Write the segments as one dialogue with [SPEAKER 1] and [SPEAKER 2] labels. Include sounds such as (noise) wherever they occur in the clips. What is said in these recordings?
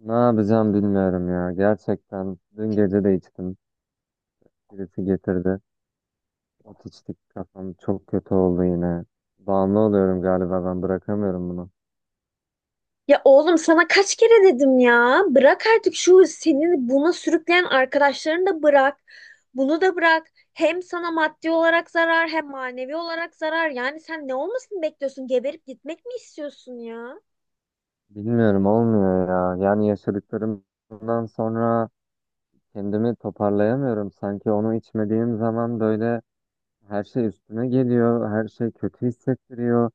[SPEAKER 1] Ne yapacağım bilmiyorum ya. Gerçekten dün gece de içtim. Birisi getirdi. Ot içtik, kafam çok kötü oldu yine. Bağımlı oluyorum galiba, ben bırakamıyorum bunu.
[SPEAKER 2] Ya oğlum sana kaç kere dedim ya. Bırak artık şu seni buna sürükleyen arkadaşlarını da bırak. Bunu da bırak. Hem sana maddi olarak zarar hem manevi olarak zarar. Yani sen ne olmasını bekliyorsun? Geberip gitmek mi istiyorsun ya?
[SPEAKER 1] Bilmiyorum, olmuyor ya. Yani yaşadıklarımdan sonra kendimi toparlayamıyorum. Sanki onu içmediğim zaman böyle her şey üstüme geliyor. Her şey kötü hissettiriyor.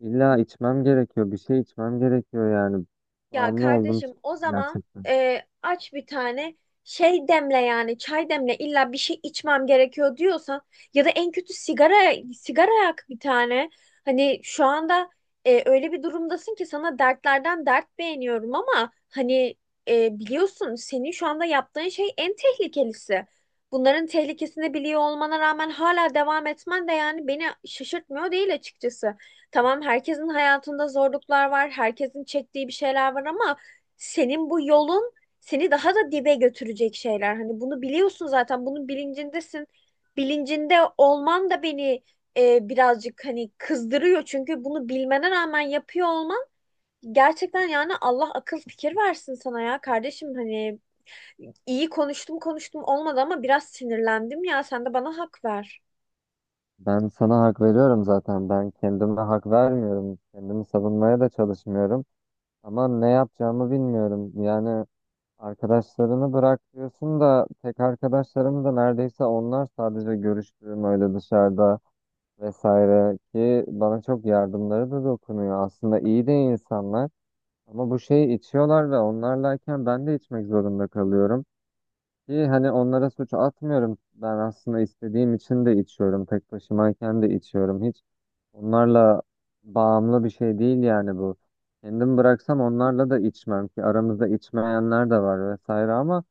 [SPEAKER 1] İlla içmem gerekiyor. Bir şey içmem gerekiyor yani.
[SPEAKER 2] Ya
[SPEAKER 1] Bağımlı oldum
[SPEAKER 2] kardeşim o zaman
[SPEAKER 1] gerçekten.
[SPEAKER 2] aç bir tane şey demle yani çay demle illa bir şey içmem gerekiyor diyorsan ya da en kötü sigara yak bir tane. Hani şu anda öyle bir durumdasın ki sana dertlerden dert beğeniyorum ama hani biliyorsun senin şu anda yaptığın şey en tehlikelisi. Bunların tehlikesini biliyor olmana rağmen hala devam etmen de yani beni şaşırtmıyor değil açıkçası. Tamam, herkesin hayatında zorluklar var, herkesin çektiği bir şeyler var ama senin bu yolun seni daha da dibe götürecek şeyler. Hani bunu biliyorsun zaten, bunun bilincindesin. Bilincinde olman da beni birazcık hani kızdırıyor. Çünkü bunu bilmene rağmen yapıyor olman gerçekten yani Allah akıl fikir versin sana ya kardeşim. Hani iyi konuştum konuştum olmadı ama biraz sinirlendim ya, sen de bana hak ver.
[SPEAKER 1] Ben sana hak veriyorum zaten. Ben kendime hak vermiyorum. Kendimi savunmaya da çalışmıyorum. Ama ne yapacağımı bilmiyorum. Yani arkadaşlarını bırak diyorsun da tek arkadaşlarım da neredeyse onlar, sadece görüştüğüm öyle dışarıda vesaire, ki bana çok yardımları da dokunuyor. Aslında iyi de insanlar, ama bu şeyi içiyorlar ve onlarlayken ben de içmek zorunda kalıyorum. Ki hani onlara suç atmıyorum. Ben aslında istediğim için de içiyorum. Tek başımayken de içiyorum. Onlarla bağımlı bir şey değil yani bu. Kendim bıraksam onlarla da içmem, ki aramızda içmeyenler de var vesaire, ama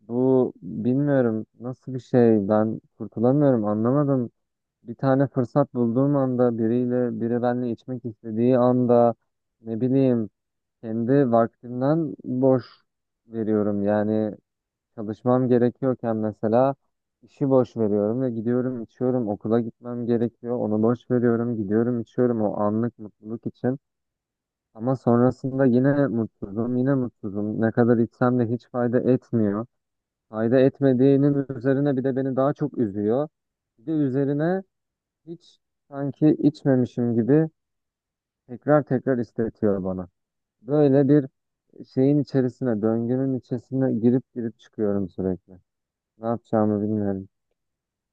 [SPEAKER 1] bu bilmiyorum nasıl bir şey, ben kurtulamıyorum, anlamadım. Bir tane fırsat bulduğum anda, biriyle, biri benimle içmek istediği anda ne bileyim, kendi vaktimden boş veriyorum yani. Çalışmam gerekiyorken mesela işi boş veriyorum ve gidiyorum, içiyorum. Okula gitmem gerekiyor. Onu boş veriyorum. Gidiyorum, içiyorum o anlık mutluluk için. Ama sonrasında yine mutsuzum, yine mutsuzum. Ne kadar içsem de hiç fayda etmiyor. Fayda etmediğinin üzerine bir de beni daha çok üzüyor. Bir de üzerine hiç sanki içmemişim gibi tekrar tekrar istetiyor bana. Böyle bir şeyin içerisine, döngünün içerisine girip girip çıkıyorum sürekli. Ne yapacağımı bilmiyorum.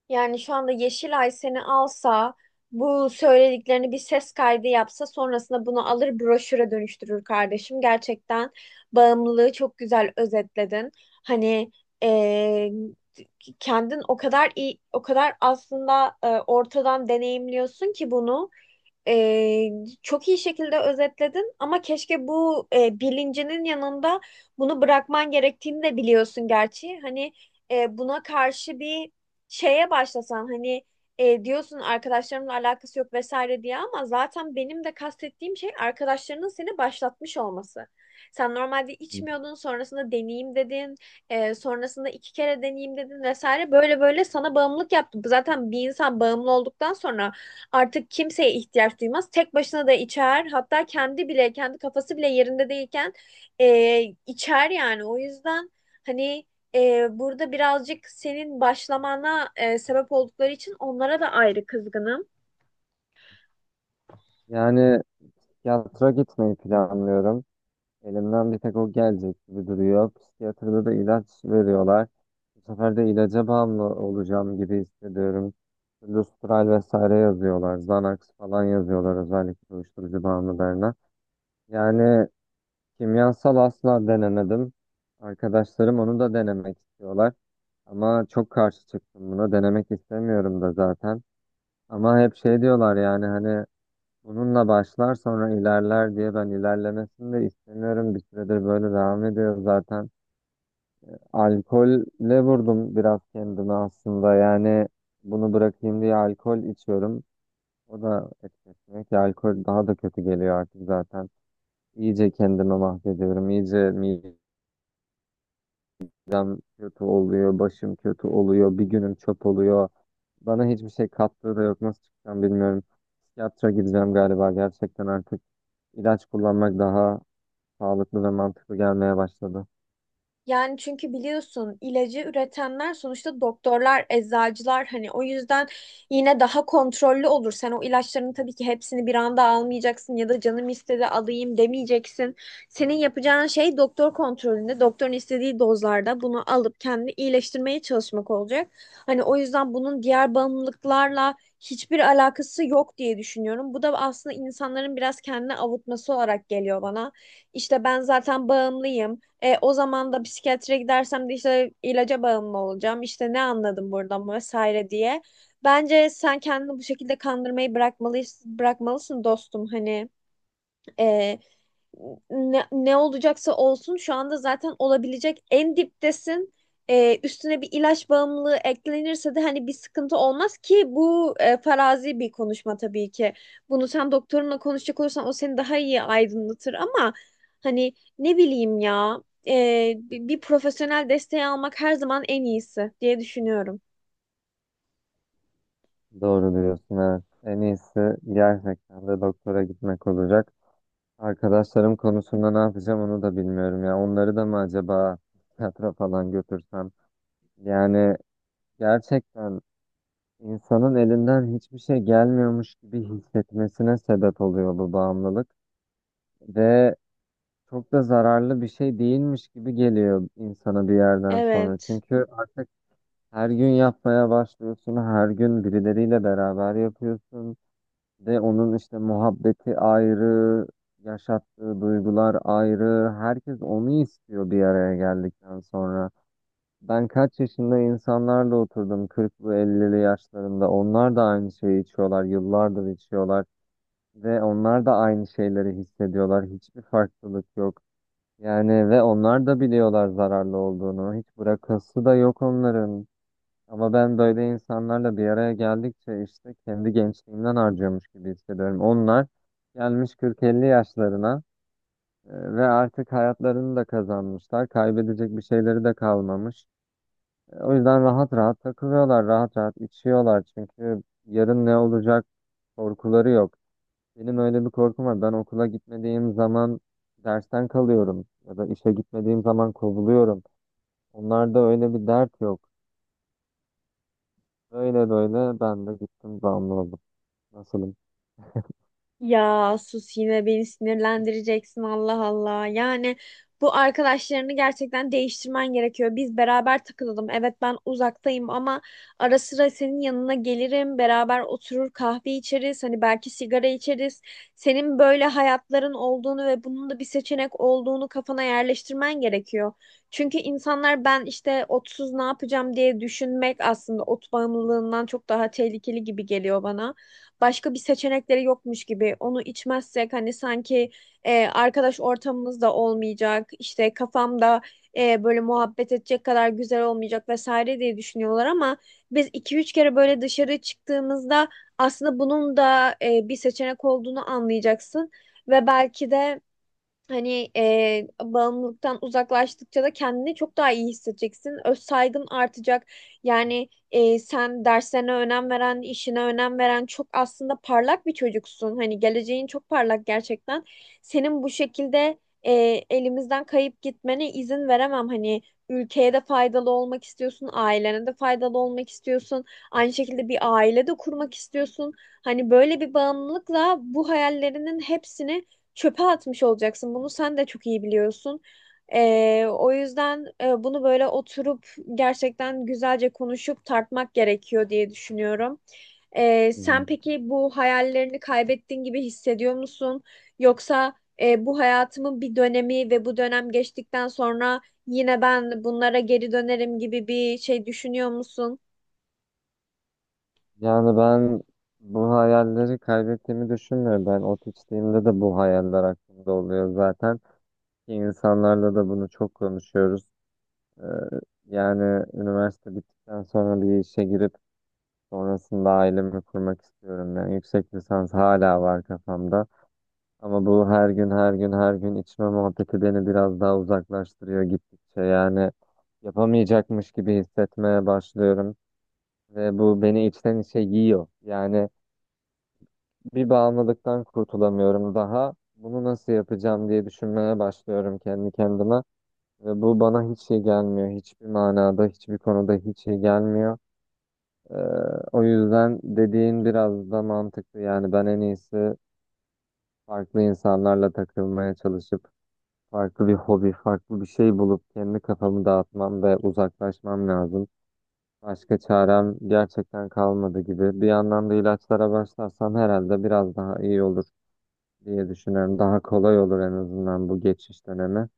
[SPEAKER 2] Yani şu anda Yeşilay seni alsa, bu söylediklerini bir ses kaydı yapsa, sonrasında bunu alır broşüre dönüştürür kardeşim. Gerçekten bağımlılığı çok güzel özetledin. Hani eee, kendin o kadar iyi, o kadar aslında ortadan deneyimliyorsun ki bunu. Ee, Çok iyi şekilde özetledin ama keşke bu bilincinin yanında bunu bırakman gerektiğini de biliyorsun gerçi. Hani buna karşı bir şeye başlasan, hani diyorsun arkadaşlarımla alakası yok vesaire diye, ama zaten benim de kastettiğim şey arkadaşlarının seni başlatmış olması. Sen normalde içmiyordun, sonrasında deneyeyim dedin, sonrasında iki kere deneyeyim dedin vesaire, böyle böyle sana bağımlılık yaptı. Zaten bir insan bağımlı olduktan sonra artık kimseye ihtiyaç duymaz. Tek başına da içer, hatta kendi bile kendi kafası bile yerinde değilken e, içer yani. O yüzden hani burada birazcık senin başlamana sebep oldukları için onlara da ayrı kızgınım.
[SPEAKER 1] Yani psikiyatra gitmeyi planlıyorum. Elimden bir tek o gelecek gibi duruyor. Psikiyatrda da ilaç veriyorlar. Bu sefer de ilaca bağımlı olacağım gibi hissediyorum. Lustral vesaire yazıyorlar. Xanax falan yazıyorlar, özellikle uyuşturucu bağımlılarına. Yani kimyasal asla denemedim. Arkadaşlarım onu da denemek istiyorlar. Ama çok karşı çıktım buna. Denemek istemiyorum da zaten. Ama hep şey diyorlar, yani hani bununla başlar sonra ilerler diye. Ben ilerlemesini de istemiyorum. Bir süredir böyle devam ediyor zaten. Alkolle vurdum biraz kendimi aslında. Yani bunu bırakayım diye alkol içiyorum. O da etkisine ki alkol daha da kötü geliyor artık zaten. İyice kendimi mahvediyorum. İyice midem kötü oluyor, başım kötü oluyor, bir günüm çöp oluyor. Bana hiçbir şey kattığı da yok. Nasıl çıkacağım bilmiyorum. Psikiyatra gideceğim galiba gerçekten artık. İlaç kullanmak daha sağlıklı ve mantıklı gelmeye başladı.
[SPEAKER 2] Yani çünkü biliyorsun, ilacı üretenler sonuçta doktorlar, eczacılar, hani o yüzden yine daha kontrollü olur. Sen o ilaçların tabii ki hepsini bir anda almayacaksın ya da canım istedi alayım demeyeceksin. Senin yapacağın şey doktor kontrolünde, doktorun istediği dozlarda bunu alıp kendini iyileştirmeye çalışmak olacak. Hani o yüzden bunun diğer bağımlılıklarla hiçbir alakası yok diye düşünüyorum. Bu da aslında insanların biraz kendini avutması olarak geliyor bana. İşte ben zaten bağımlıyım. O zaman da psikiyatriye gidersem de işte ilaca bağımlı olacağım. İşte ne anladım buradan vesaire diye. Bence sen kendini bu şekilde kandırmayı bırakmalısın, bırakmalısın dostum. Hani e, ne olacaksa olsun, şu anda zaten olabilecek en diptesin. Üstüne bir ilaç bağımlılığı eklenirse de hani bir sıkıntı olmaz ki, bu farazi bir konuşma tabii ki. Bunu sen doktorunla konuşacak olursan o seni daha iyi aydınlatır ama hani ne bileyim ya, bir profesyonel desteği almak her zaman en iyisi diye düşünüyorum.
[SPEAKER 1] Doğru diyorsun, evet. En iyisi gerçekten de doktora gitmek olacak. Arkadaşlarım konusunda ne yapacağım onu da bilmiyorum ya. Onları da mı acaba psikiyatra falan götürsem? Yani gerçekten insanın elinden hiçbir şey gelmiyormuş gibi hissetmesine sebep oluyor bu bağımlılık. Ve çok da zararlı bir şey değilmiş gibi geliyor insana bir yerden sonra.
[SPEAKER 2] Evet.
[SPEAKER 1] Çünkü artık her gün yapmaya başlıyorsun, her gün birileriyle beraber yapıyorsun. Ve onun işte muhabbeti ayrı, yaşattığı duygular ayrı. Herkes onu istiyor bir araya geldikten sonra. Ben kaç yaşında insanlarla oturdum, 40'lı 50'li yaşlarında. Onlar da aynı şeyi içiyorlar, yıllardır içiyorlar. Ve onlar da aynı şeyleri hissediyorlar. Hiçbir farklılık yok. Yani ve onlar da biliyorlar zararlı olduğunu. Hiç bırakası da yok onların. Ama ben böyle insanlarla bir araya geldikçe işte kendi gençliğimden harcıyormuş gibi hissediyorum. Onlar gelmiş 40-50 yaşlarına ve artık hayatlarını da kazanmışlar. Kaybedecek bir şeyleri de kalmamış. O yüzden rahat rahat takılıyorlar, rahat rahat içiyorlar. Çünkü yarın ne olacak korkuları yok. Benim öyle bir korkum var. Ben okula gitmediğim zaman dersten kalıyorum ya da işe gitmediğim zaman kovuluyorum. Onlarda öyle bir dert yok. Böyle böyle ben de gittim, bağımlı oldum. Nasılım?
[SPEAKER 2] Ya sus, yine beni sinirlendireceksin, Allah Allah. Yani bu arkadaşlarını gerçekten değiştirmen gerekiyor. Biz beraber takılalım. Evet, ben uzaktayım ama ara sıra senin yanına gelirim. Beraber oturur kahve içeriz. Hani belki sigara içeriz. Senin böyle hayatların olduğunu ve bunun da bir seçenek olduğunu kafana yerleştirmen gerekiyor. Çünkü insanlar, ben işte otsuz ne yapacağım diye düşünmek aslında ot bağımlılığından çok daha tehlikeli gibi geliyor bana. Başka bir seçenekleri yokmuş gibi, onu içmezsek hani sanki arkadaş ortamımız da olmayacak, işte kafamda böyle muhabbet edecek kadar güzel olmayacak vesaire diye düşünüyorlar ama biz iki üç kere böyle dışarı çıktığımızda aslında bunun da bir seçenek olduğunu anlayacaksın ve belki de hani bağımlılıktan uzaklaştıkça da kendini çok daha iyi hissedeceksin. Öz saygın artacak. Yani sen derslerine önem veren, işine önem veren, çok aslında parlak bir çocuksun. Hani geleceğin çok parlak gerçekten. Senin bu şekilde e, elimizden kayıp gitmene izin veremem. Hani ülkeye de faydalı olmak istiyorsun, ailene de faydalı olmak istiyorsun. Aynı şekilde bir aile de kurmak istiyorsun. Hani böyle bir bağımlılıkla bu hayallerinin hepsini çöpe atmış olacaksın. Bunu sen de çok iyi biliyorsun. O yüzden bunu böyle oturup gerçekten güzelce konuşup tartmak gerekiyor diye düşünüyorum.
[SPEAKER 1] Hmm.
[SPEAKER 2] Sen peki bu hayallerini kaybettiğin gibi hissediyor musun? Yoksa bu hayatımın bir dönemi ve bu dönem geçtikten sonra yine ben bunlara geri dönerim gibi bir şey düşünüyor musun?
[SPEAKER 1] Yani ben bu hayalleri kaybettiğimi düşünmüyorum. Ben ot içtiğimde de bu hayaller aklımda oluyor zaten. Ki İnsanlarla da bunu çok konuşuyoruz. Ee, Yani üniversite bittikten sonra bir işe girip sonrasında ailemi kurmak istiyorum. Yani yüksek lisans hala var kafamda. Ama bu her gün her gün her gün içme muhabbeti beni biraz daha uzaklaştırıyor gittikçe. Yani yapamayacakmış gibi hissetmeye başlıyorum. Ve bu beni içten içe yiyor. Yani bir bağımlılıktan kurtulamıyorum daha. Bunu nasıl yapacağım diye düşünmeye başlıyorum kendi kendime. Ve bu bana hiç iyi gelmiyor. Hiçbir manada, hiçbir konuda hiç iyi gelmiyor. Ee, O yüzden dediğin biraz da mantıklı. Yani ben en iyisi farklı insanlarla takılmaya çalışıp farklı bir hobi, farklı bir şey bulup kendi kafamı dağıtmam ve uzaklaşmam lazım. Başka çarem gerçekten kalmadı gibi. Bir yandan da ilaçlara başlarsam herhalde biraz daha iyi olur diye düşünüyorum. Daha kolay olur en azından bu geçiş dönemi.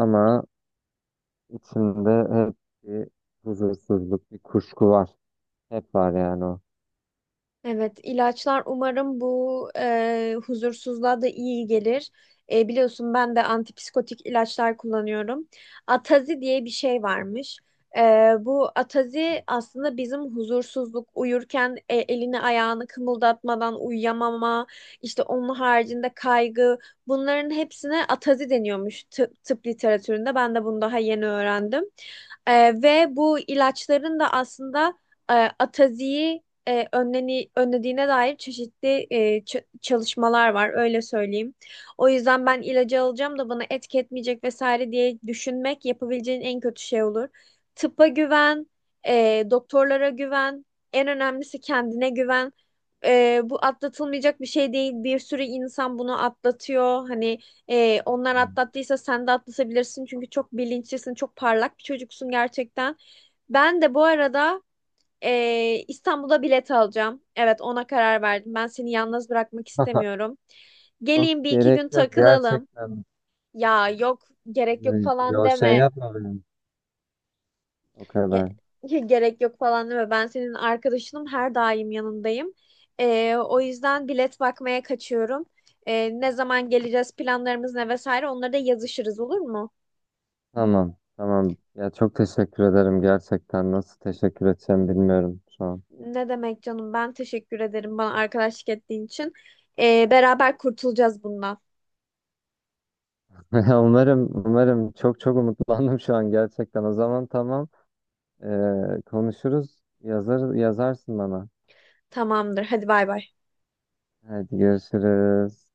[SPEAKER 1] Ama içimde hep bir huzursuzluk, bir kuşku var. Hep var yani o.
[SPEAKER 2] Evet, ilaçlar umarım bu huzursuzluğa da iyi gelir. Biliyorsun ben de antipsikotik ilaçlar kullanıyorum. Atazi diye bir şey varmış. E, Bu atazi aslında bizim huzursuzluk, uyurken elini ayağını kımıldatmadan uyuyamama, işte onun haricinde kaygı, bunların hepsine atazi deniyormuş tıp literatüründe. Ben de bunu daha yeni öğrendim. Ve bu ilaçların da aslında e, ataziyi önlediğine dair çeşitli çalışmalar var, öyle söyleyeyim. O yüzden ben ilacı alacağım da bana etki etmeyecek vesaire diye düşünmek yapabileceğin en kötü şey olur. Tıpa güven, doktorlara güven, en önemlisi kendine güven. Bu atlatılmayacak bir şey değil. Bir sürü insan bunu atlatıyor. Hani onlar atlattıysa sen de atlatabilirsin. Çünkü çok bilinçlisin, çok parlak bir çocuksun gerçekten. Ben de bu arada İstanbul'da bilet alacağım. Evet, ona karar verdim. Ben seni yalnız bırakmak
[SPEAKER 1] (laughs)
[SPEAKER 2] istemiyorum.
[SPEAKER 1] Yok,
[SPEAKER 2] Geleyim, bir iki
[SPEAKER 1] gerek
[SPEAKER 2] gün
[SPEAKER 1] yok
[SPEAKER 2] takılalım.
[SPEAKER 1] gerçekten.
[SPEAKER 2] Ya yok, gerek yok
[SPEAKER 1] Yani
[SPEAKER 2] falan
[SPEAKER 1] şey
[SPEAKER 2] deme.
[SPEAKER 1] yapma benim. O kadar.
[SPEAKER 2] (laughs) Gerek yok falan deme. Ben senin arkadaşınım, her daim yanındayım. O yüzden bilet bakmaya kaçıyorum. Ne zaman geleceğiz, planlarımız ne vesaire, onları da yazışırız, olur mu?
[SPEAKER 1] Tamam, tamam. Ya çok teşekkür ederim gerçekten. Nasıl teşekkür edeceğim bilmiyorum şu an.
[SPEAKER 2] Ne demek canım, ben teşekkür ederim bana arkadaşlık ettiğin için. Beraber kurtulacağız bundan.
[SPEAKER 1] (laughs) Umarım, umarım, çok çok umutlandım şu an gerçekten. O zaman tamam, Ee, konuşuruz. Yazarsın bana.
[SPEAKER 2] Tamamdır, hadi bay bay.
[SPEAKER 1] Hadi görüşürüz.